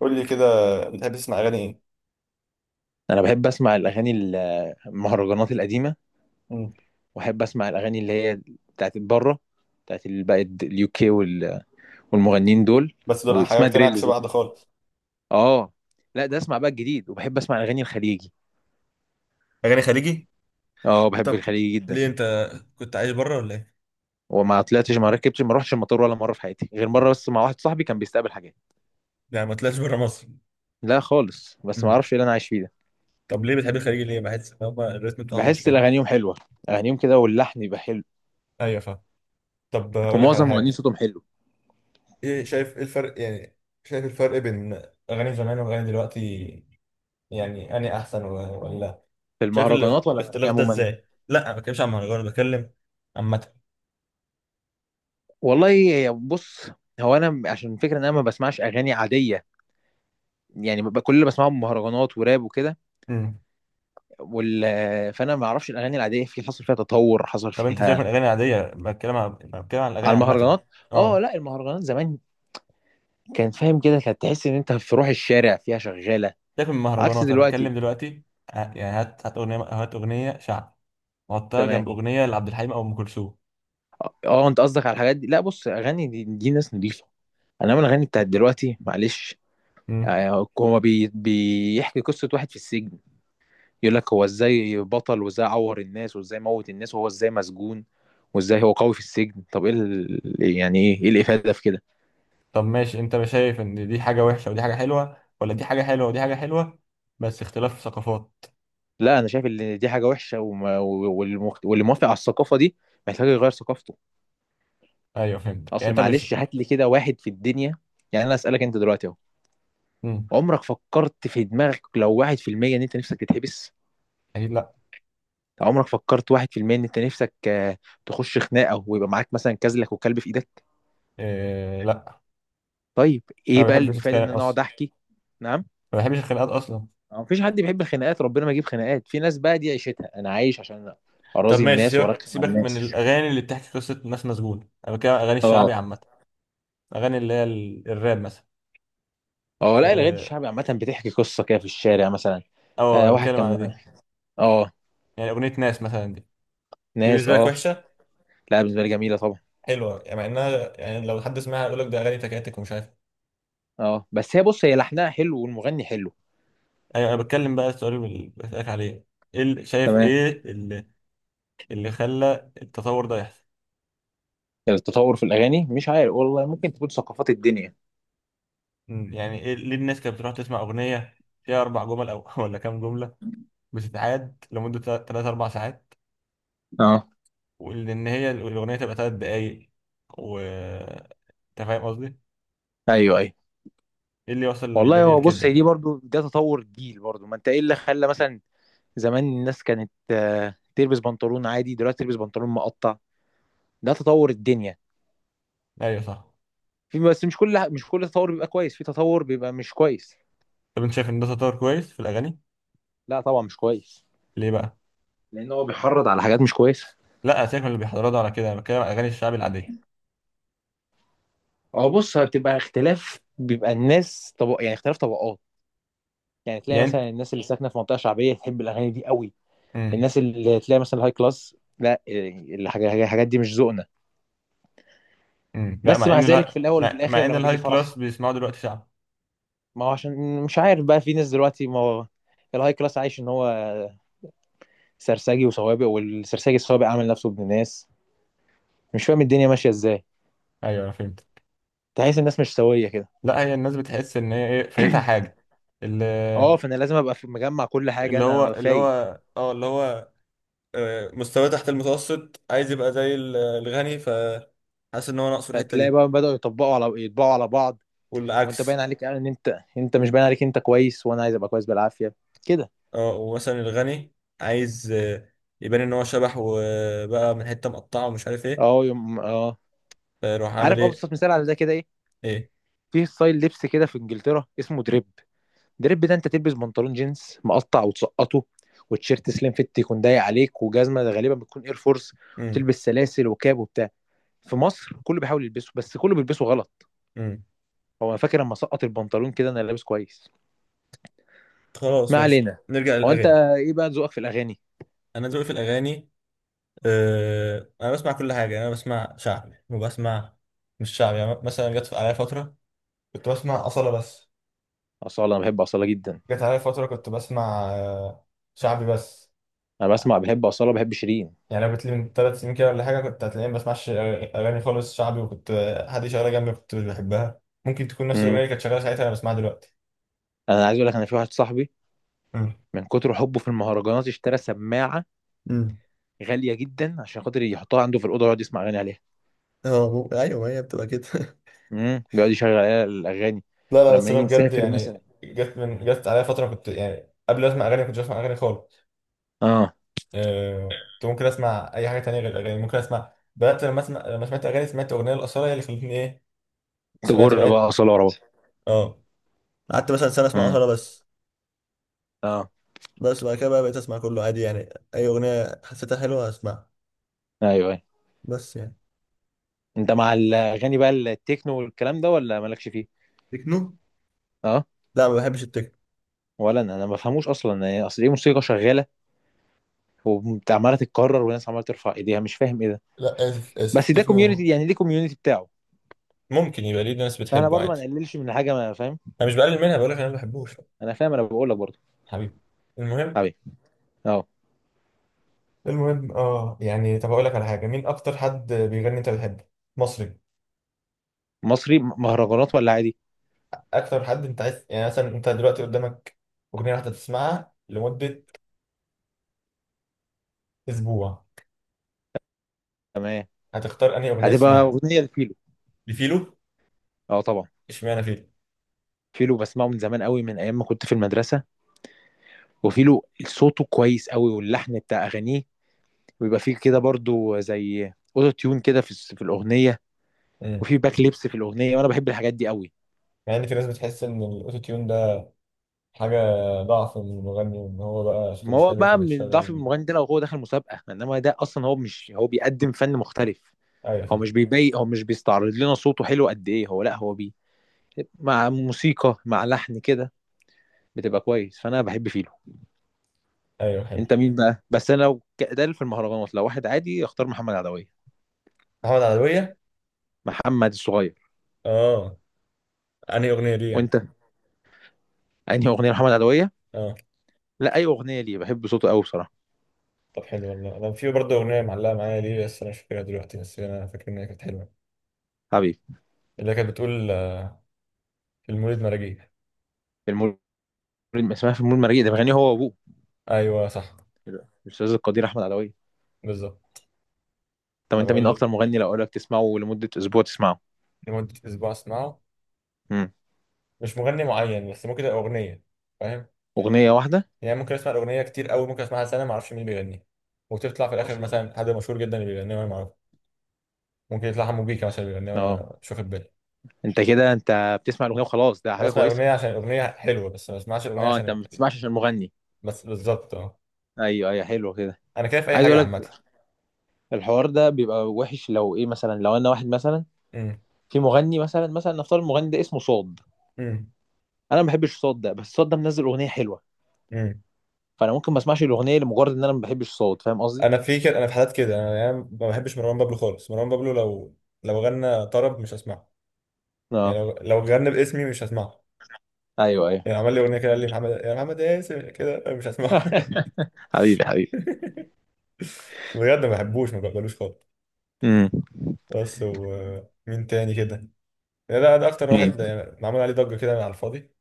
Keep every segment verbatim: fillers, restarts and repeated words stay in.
قول لي كده، بتحب تسمع اغاني ايه؟ انا بحب اسمع الاغاني ال- المهرجانات القديمه، مم. واحب اسمع الاغاني اللي هي بتاعت بره، بتاعت ال- بقى اليو كي والمغنيين دول، بس دول واسمها حاجتين عكس دريلز بعض يعني. خالص. اه، لا ده اسمع بقى الجديد، وبحب اسمع الاغاني الخليجي. اغاني خليجي. اه، بحب طب، الخليجي جدا. ليه انت كنت عايش بره ولا ايه؟ وما طلعتش، ما ركبتش، ما روحش المطار ولا مره في حياتي، غير مره بس مع واحد صاحبي كان بيستقبل حاجات. يعني ما طلعتش بره مصر؟ لا خالص، بس ما مم. اعرفش ايه اللي انا عايش فيه ده. طب، ليه بتحب الخليجي؟ ليه بحس ان هم الريتم بتاعهم مش بحس حلو؟ الاغانيهم حلوه، اغانيهم كده واللحن يبقى حلو. ايوه فاهم. طب هقول لك على ومعظم مغنيين حاجه. صوتهم حلو. ايه، شايف ايه الفرق يعني؟ شايف الفرق بين اغاني زمان واغاني دلوقتي؟ يعني اني احسن و- ولا؟ في شايف ال- المهرجانات ولا الاغاني الاختلاف ده عموما؟ ازاي؟ لا، ما بتكلمش عن مهرجان، بتكلم عامه. والله يا- بص، هو انا عشان الفكره ان انا ما بسمعش اغاني عاديه، يعني ببقى كل اللي بسمعهم مهرجانات وراب وكده وال... فانا ما اعرفش الاغاني العاديه، في حصل فيها تطور، حصل طب انت سيبك من فيها الاغاني العاديه، بتكلم عن بتكلم عن الاغاني على عامه. المهرجانات. اه اه، لا، المهرجانات زمان كان فاهم كده، كانت تحس ان انت في روح الشارع فيها شغاله. سيبك من عكس المهرجانات، انا دلوقتي. بتكلم دلوقتي. ه- يعني، هات هات اغنيه هات اغنيه شعب وحطها تمام. جنب اغنيه لعبد الحليم او ام كلثوم. اه آه، انت قصدك على الحاجات دي؟ لا بص، اغاني دي, دي ناس نضيفه، انما الاغاني بتاعت دلوقتي معلش. مم. آه، هو بي... بيحكي قصه واحد في السجن، يقول لك هو ازاي بطل، وازاي عور الناس، وازاي موت الناس، وهو ازاي مسجون، وازاي هو قوي في السجن. طب ايه ال... يعني ايه ايه الافاده في كده؟ طب ماشي، انت مش شايف ان دي حاجه وحشه ودي حاجه حلوه، ولا دي حاجه حلوه ودي حاجه حلوه، بس اختلاف ثقافات؟ لا انا شايف ان دي حاجه وحشه، وما... والمخ... واللي موافق على الثقافه دي محتاج يغير ثقافته. ايوه فهمت. يعني اصل انت مش... معلش هات لي كده واحد في الدنيا، يعني انا اسالك انت دلوقتي اهو، مم. عمرك فكرت في دماغك لو واحد في المية ان انت نفسك تتحبس؟ اكيد لا. عمرك فكرت واحد في المية ان انت نفسك آه، تخش خناقه ويبقى معاك مثلا كازلك وكلب في ايدك؟ إيه، لا، طيب انا ايه ما بقى بحبش الافاده ان اتخانق انا اصلا. اقعد احكي؟ نعم. ما بحبش الخناقات اصلا. ما فيش حد بيحب الخناقات، ربنا ما يجيب خناقات، في ناس بقى دي عيشتها، انا عايش عشان طب اراضي ماشي، الناس سيبك وارخم على سيبك من الناس. الاغاني اللي بتحكي قصه ناس مسجونه، انا بتكلم عن اغاني الشعبي اه. عامه. اغاني اللي هي ال- الراب مثلا. اه لا، الاغاني اه. الشعبي عامه بتحكي قصه كده في الشارع مثلا. آه، آه، انا واحد بتكلم على كان. دي. اه. يعني اغنيه ناس مثلا دي. دي ناس بالنسبه لك اه. وحشه؟ لا بالنسبه لي جميله طبعا. حلوه يعني؟ مع انها، يعني، لو حد سمعها يقول لك ده اغاني تكاتك ومش عارف إيه. اه بس هي بص، هي لحنها حلو والمغني حلو. ايوه، انا بتكلم بقى، السؤال اللي بسالك عليه، ايه اللي- شايف تمام. ايه اللي اللي خلى التطور ده يحصل. التطور في الاغاني مش عارف والله، ممكن تكون ثقافات الدنيا. مم، يعني، ايه، ليه الناس كانت بتروح تسمع اغنيه فيها اربع جمل او ولا كام جمله، بتتعاد لمده ثلاث اربع ساعات، اه. وان هي الاغنيه تبقى ثلاث دقايق؟ و انت فاهم قصدي. ايوه ايوه. ايه اللي وصل والله الدنيا هو بص، لكده هي دي يعني؟ برضو ده تطور جيل برضو، ما انت ايه اللي خلى مثلا زمان الناس كانت آه، تلبس بنطلون عادي، دلوقتي تلبس بنطلون مقطع؟ ده تطور الدنيا. ايوه صح. في بس مش كل مش كل تطور بيبقى كويس، في تطور بيبقى مش كويس. طب انت شايف ان ده تطور كويس في الاغاني؟ لا طبعا مش كويس. ليه بقى؟ لان هو بيحرض على حاجات مش كويسه. لا، سيبك من اللي بيحضروا ده ولا كده، انا بتكلم على اغاني الشعب العاديه. هو بص، بتبقى اختلاف، بيبقى الناس طب يعني اختلاف طبقات. يعني تلاقي يعني. مثلا الناس اللي ساكنه في منطقه شعبيه تحب الاغاني دي قوي. امم. الناس اللي تلاقي مثلا هاي كلاس، لا إيه، الحاجة- الحاجات دي مش ذوقنا. امم لا، بس مع مع ان ذلك لا في الاول وفي مع, الاخر مع ان لما بيجي الهاي كلاس فرح، بيسمعوا دلوقتي شعب. ما هو عشان مش عارف بقى، في ناس دلوقتي، ما هو الهاي كلاس عايش ان هو سرسجي وسوابق، والسرسجي السوابق عامل نفسه ابن ناس، مش فاهم الدنيا ماشيه ازاي. ايوه انا فهمت. تحس الناس مش سويه كده. لا، هي الناس بتحس ان هي، ايه، فايتها حاجه. اللي... اه، فانا لازم ابقى في- مجمع كل حاجه، اللي هو انا اللي فايق. هو اه اللي هو آه، مستواه تحت المتوسط، عايز يبقى زي ال- الغني، فحاسس ان هو ناقصه الحته فتلاقي دي. بقى بداوا يطبقوا على يطبقوا على بعض. وانت باين والعكس. عليك ان انت انت مش باين عليك انت كويس، وانا عايز ابقى كويس بالعافيه كده. اه، ومثلا الغني عايز آه، يبان ان هو شبح، وبقى من حته مقطعه ومش عارف ايه. اه يوم اه. فيروح عامل عارف ايه. ابسط مثال على ده كده ايه؟ ايه؟ في ستايل لبس كده في انجلترا اسمه دريب. دريب ده انت تلبس بنطلون جينز مقطع وتسقطه، وتيشيرت سليم فيت يكون ضيق عليك، وجزمه غالبا بتكون اير فورس، وتلبس سلاسل وكاب وبتاع. في مصر كله بيحاول يلبسه، بس كله بيلبسه غلط. امم. هو انا فاكر لما سقط البنطلون كده انا لابس كويس. خلاص ما ماشي. علينا. نرجع هو انت للاغاني. ايه بقى ذوقك في الاغاني؟ انا ذوقي في الاغاني. آه انا بسمع كل حاجه. يعني انا بسمع شعبي وبسمع مش شعبي. يعني مثلا، جت عليا فتره كنت بسمع اصاله بس. اصاله، انا بحب اصاله جدا. جت عليا فتره كنت بسمع آه شعبي بس. انا بسمع، بحب اصاله، بحب شيرين. يعني لو قلت لي من ثلاث سنين كده ولا حاجه، كنت هتلاقيني ما بسمعش اغاني خالص. شعبي، وكنت آه، حد شغاله جنبي كنت مش بحبها، ممكن تكون نفس الاغنيه امم. اللي كانت شغاله ساعتها انا بسمعها دلوقتي. انا عايز اقول لك، انا في واحد صاحبي مم. من كتر حبه في المهرجانات اشترى سماعه امم. غاليه جدا عشان خاطر يحطها عنده في الاوضه ويقعد يسمع اغاني عليها. اه، مو- ايوه، هي بتبقى كده. امم، بيقعد يشغل عليها الاغاني. لا، لا، بس ولما انا نيجي بجد نسافر مثلا. يعني، جت من جت عليا فتره، كنت يعني قبل ما اسمع اغاني ما كنتش اسمع اغاني خالص. اه. أه كنت ممكن اسمع اي حاجه تانية غير الاغاني. ممكن اسمع بدات لما اسمع لما سمعت اغاني. سمعت اغنيه الاصاله هي اللي خلتني ايه، سمعت تجر بقى بقيت. اصاله ورا بعض. اه. قعدت مثلا سنه اسمع امم. اصاله بس. اه. بس بعد كده بقى بقيت اسمع كله عادي يعني. اي اغنيه حسيتها حلوه اسمعها. ايوه ايوه. بس يعني. انت مع الاغاني بقى التكنو والكلام ده، ولا مالكش فيه؟ تكنو؟ اه لا، ما بحبش التكنو. ولا انا، انا ما بفهموش اصلا، يعني اصل ايه، موسيقى شغاله وعماله تتكرر، والناس عماله ترفع ايديها، مش فاهم ايه ده. لا، اسف اسف، بس ده كوميونتي، التكنو. يعني دي كوميونتي بتاعه، ممكن يبقى، ليه ناس فاحنا بتحبه برضو ما عادي. نقللش من حاجه ما فاهم. انا مش بقلل منها، بقول لك انا ما بحبوش. انا فاهم، انا بقول لك برضو. حبيبي. المهم. حبيبي. اه. المهم، اه يعني، طب اقول لك على حاجه، مين اكتر حد بيغني انت بتحبه؟ مصري. مصري، م- مهرجانات ولا عادي؟ اكتر حد انت عايز، يعني مثلا، انت دلوقتي قدامك اغنيه واحده تسمعها لمده اسبوع، تمام. هتختار انهي اغنيه هتبقى تسمعها؟ اغنيه لفيلو. لفيلو. اه طبعا. اشمعنى فيلو؟ فيلو بسمعه من زمان قوي، من ايام ما كنت في المدرسه. وفيلو صوته كويس قوي، واللحن بتاع اغانيه ويبقى فيه كده برضو زي اوتو تيون كده في الس- في الاغنيه، امم. وفي باك ليبس في الاغنيه، وانا بحب الحاجات دي قوي. مع ان في ناس بتحس ان الاوتو تيون ده حاجه، ضعف من المغني وان هو بقى صوته ما مش هو حلو بقى من ضعف فبيشتغل. المغني ده لو هو داخل مسابقة، انما ده اصلا هو مش هو بيقدم فن مختلف. ايوه هو صح. مش بيبي، هو مش بيستعرض لنا صوته حلو قد ايه، هو لا هو بي مع موسيقى مع لحن كده بتبقى كويس. فانا بحب فيلو. ايوه حلو. انت مين بقى؟ بس انا لو ك- ده في المهرجانات، لو واحد عادي اختار محمد عدوية، محمد عدويه. محمد الصغير. اه. انهي اغنيه؟ ليه يعني؟ وانت انهي اغنية محمد عدوية؟ اه. لا اي اغنية، ليه بحب صوته قوي بصراحة. طب حلو والله. انا في برضه اغنيه معلقه معايا، ليه بس انا مش فاكرها دلوقتي، بس انا فاكر ان هي كانت حلوه. حبيبي. اللي كانت بتقول آه، في المولد مراجيح. المول، اسمها في المول مريء، ده بيغني هو وابوه، ايوه صح. الاستاذ القدير احمد عدوية. بالظبط. طب طب انت مين اقول اكتر مغني لو اقول لك تسمعه لمدة اسبوع تسمعه؟ لمده اسبوع اسمعه. مم. مش مغني معين بس، ممكن تبقى اغنيه. فاهم اغنيه واحده. يعني؟ ممكن اسمع الاغنيه كتير قوي، ممكن اسمعها سنه ما اعرفش مين بيغنيها، وتطلع في الاخر اصلا بقى. مثلا حد مشهور جدا اللي بيغنيها وانا ما اعرفه. ممكن يطلع حمو بيكا مثلا بيغنيها اه. وانا مش واخد بالي. انت كده انت بتسمع الاغنيه وخلاص، ده انا حاجه بسمع كويسه. الاغنيه عشان الاغنيه حلوه، بس ما بسمعش الاغنيه اه، انت عشان... ما بتسمعش عشان المغني. بس بالظبط، اه. ايوه ايوه، حلو كده. انا كده في اي عايز حاجه اقول لك، عامه. الحوار ده بيبقى وحش لو ايه مثلا، لو انا واحد مثلا، امم. في مغني مثلا مثلا نفترض المغني ده اسمه صاد، امم. انا ما بحبش صاد ده، بس صاد ده منزل اغنيه حلوه، امم. فانا ممكن ما اسمعش الاغنيه لمجرد ان انا ما بحبش صاد. فاهم قصدي؟ انا في كده انا في حالات كده. انا يعني ما بحبش مروان بابلو خالص. مروان بابلو لو لو غنى طرب مش هسمعه. يعني اه. لو لو غنى باسمي مش هسمعه. ايوه ايوه يعني عمل لي اغنيه كده، قال لي محمد يا محمد اسم، كده مش هسمعه. حبيبي حبيبي. بجد ما بحبوش ما بقبلوش خالص. امم. بس ومين تاني كده؟ لا، ده ده اكتر مين؟ واحد يعني، معمول عليه ضجه كده على الفاضي.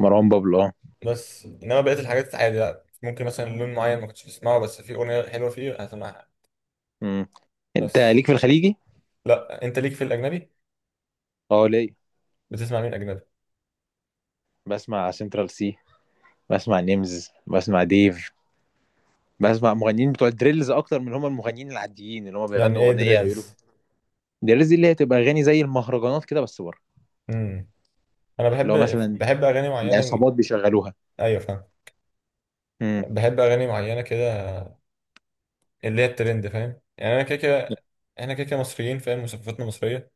مروان بابلو اه. بس انما بقيه الحاجات عادي، لا ممكن مثلا لون معين ما كنتش بسمعه، بس في اغنيه حلوه فيه هسمعها. امم. انت بس. ليك في الخليجي؟ لا، انت ليك في الاجنبي. اه ليه؟ بتسمع مين اجنبي؟ بسمع سنترال سي، بسمع نيمز، بسمع ديف، بسمع مغنيين بتوع الدريلز اكتر من هم المغنيين العاديين اللي هم يعني بيغنوا ايه اغنيه يقولوا. دريلز؟ الدريلز دي اللي هي تبقى اغاني زي المهرجانات كده بس بره. امم. انا بحب. اللي هو مثلا بحب اغاني معينه. العصابات بيشغلوها. ايوه فاهم. امم. بحب اغاني معينه كده، اللي هي الترند. فاهم يعني؟ انا كده كده، احنا كده كده مصريين، فاهم؟ وثقافتنا مصريه.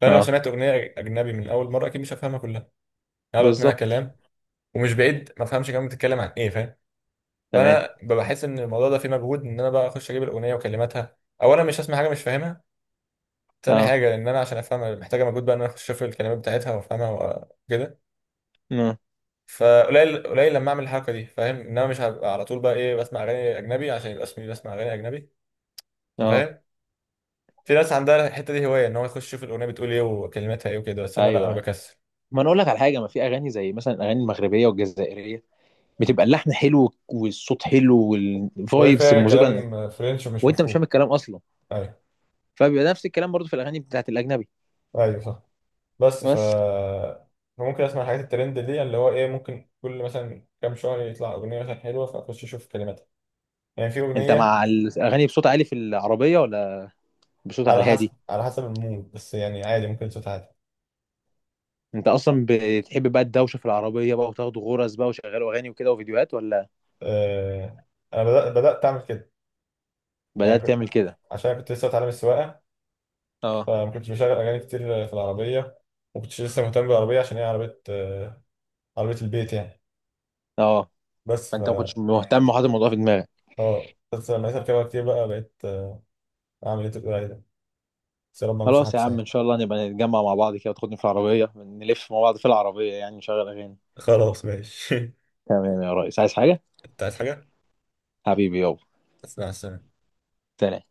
فانا لو اه سمعت اغنيه اجنبي من اول مره، اكيد مش هفهمها كلها. هلقط منها بالظبط. كلام. ومش بعيد ما افهمش كمان بتتكلم عن ايه، فاهم؟ تمام. فانا ببقى حاسس ان الموضوع ده فيه مجهود، ان انا بقى اخش اجيب الاغنيه وكلماتها. اولا، مش هسمع حاجه مش فاهمها. تاني اه. حاجه، ان انا عشان افهمها محتاجه مجهود بقى، ان انا اخش اشوف الكلمات بتاعتها وافهمها. وكده. اه. فقليل قليل لما اعمل الحركه دي، فاهم ان انا مش هبقى على طول بقى، ايه، بسمع اغاني اجنبي عشان يبقى اسمي بسمع اغاني اجنبي. انت اه. فاهم؟ في ناس عندها الحته دي هوايه، ان هو يخش يشوف الاغنيه بتقول ايه وكلماتها ايه وكده، بس انا لا، ايوه انا أيوة. بكسل. ما انا اقول لك على حاجه، ما في اغاني زي مثلا الاغاني المغربيه والجزائريه، بتبقى اللحن حلو والصوت حلو وهي والفايبس فيها الموسيقى، كلام فرنش مش وانت مش فاهم مفهوم. الكلام اصلا. ايوه. فبيبقى نفس الكلام برضو في الاغاني بتاعت الاجنبي. ايوه صح. بس ف... بس. فممكن اسمع حاجات الترند دي، اللي هو ايه، ممكن كل مثلا كام شهر يطلع اغنيه مثلا حلوه فاخش اشوف كلماتها. يعني في انت اغنيه. مع الاغاني بصوت عالي في العربيه، ولا بصوت على على حسب الهادي؟ على حسب المود. بس يعني عادي، ممكن صوت عادي. انت اصلا بتحب بقى الدوشه في العربيه بقى، وتاخدوا غرز بقى وشغلوا اغاني وكده وفيديوهات، ولا؟ أه... انا بدأت بدأت اعمل كده. يعني بدات كنت، تعمل كده. عشان كنت لسه بتعلم السواقه، اه. فما كنتش بشغل اغاني كتير في العربيه. ما كنتش لسه مهتم بالعربيه عشان هي عربيه، آه، عربية البيت يعني. اه، بس ف... فانت ما كنتش مهتم وحاطط الموضوع في دماغك. اه، بس لما لقيت اركبها كتير بقى، بقيت آه، اعمل ايه تقول عليه ده. بس يا رب ما اعملش خلاص يا حادثة عم، ان يعني. شاء الله نبقى نتجمع مع بعض كده وتاخدني في العربيه، نلف مع بعض في العربيه، يعني نشغل اغاني. خلاص ماشي. تمام يا ريس، عايز حاجه؟ انت عايز حاجة؟ حبيبي يابا. بس مع السلامة. سلام.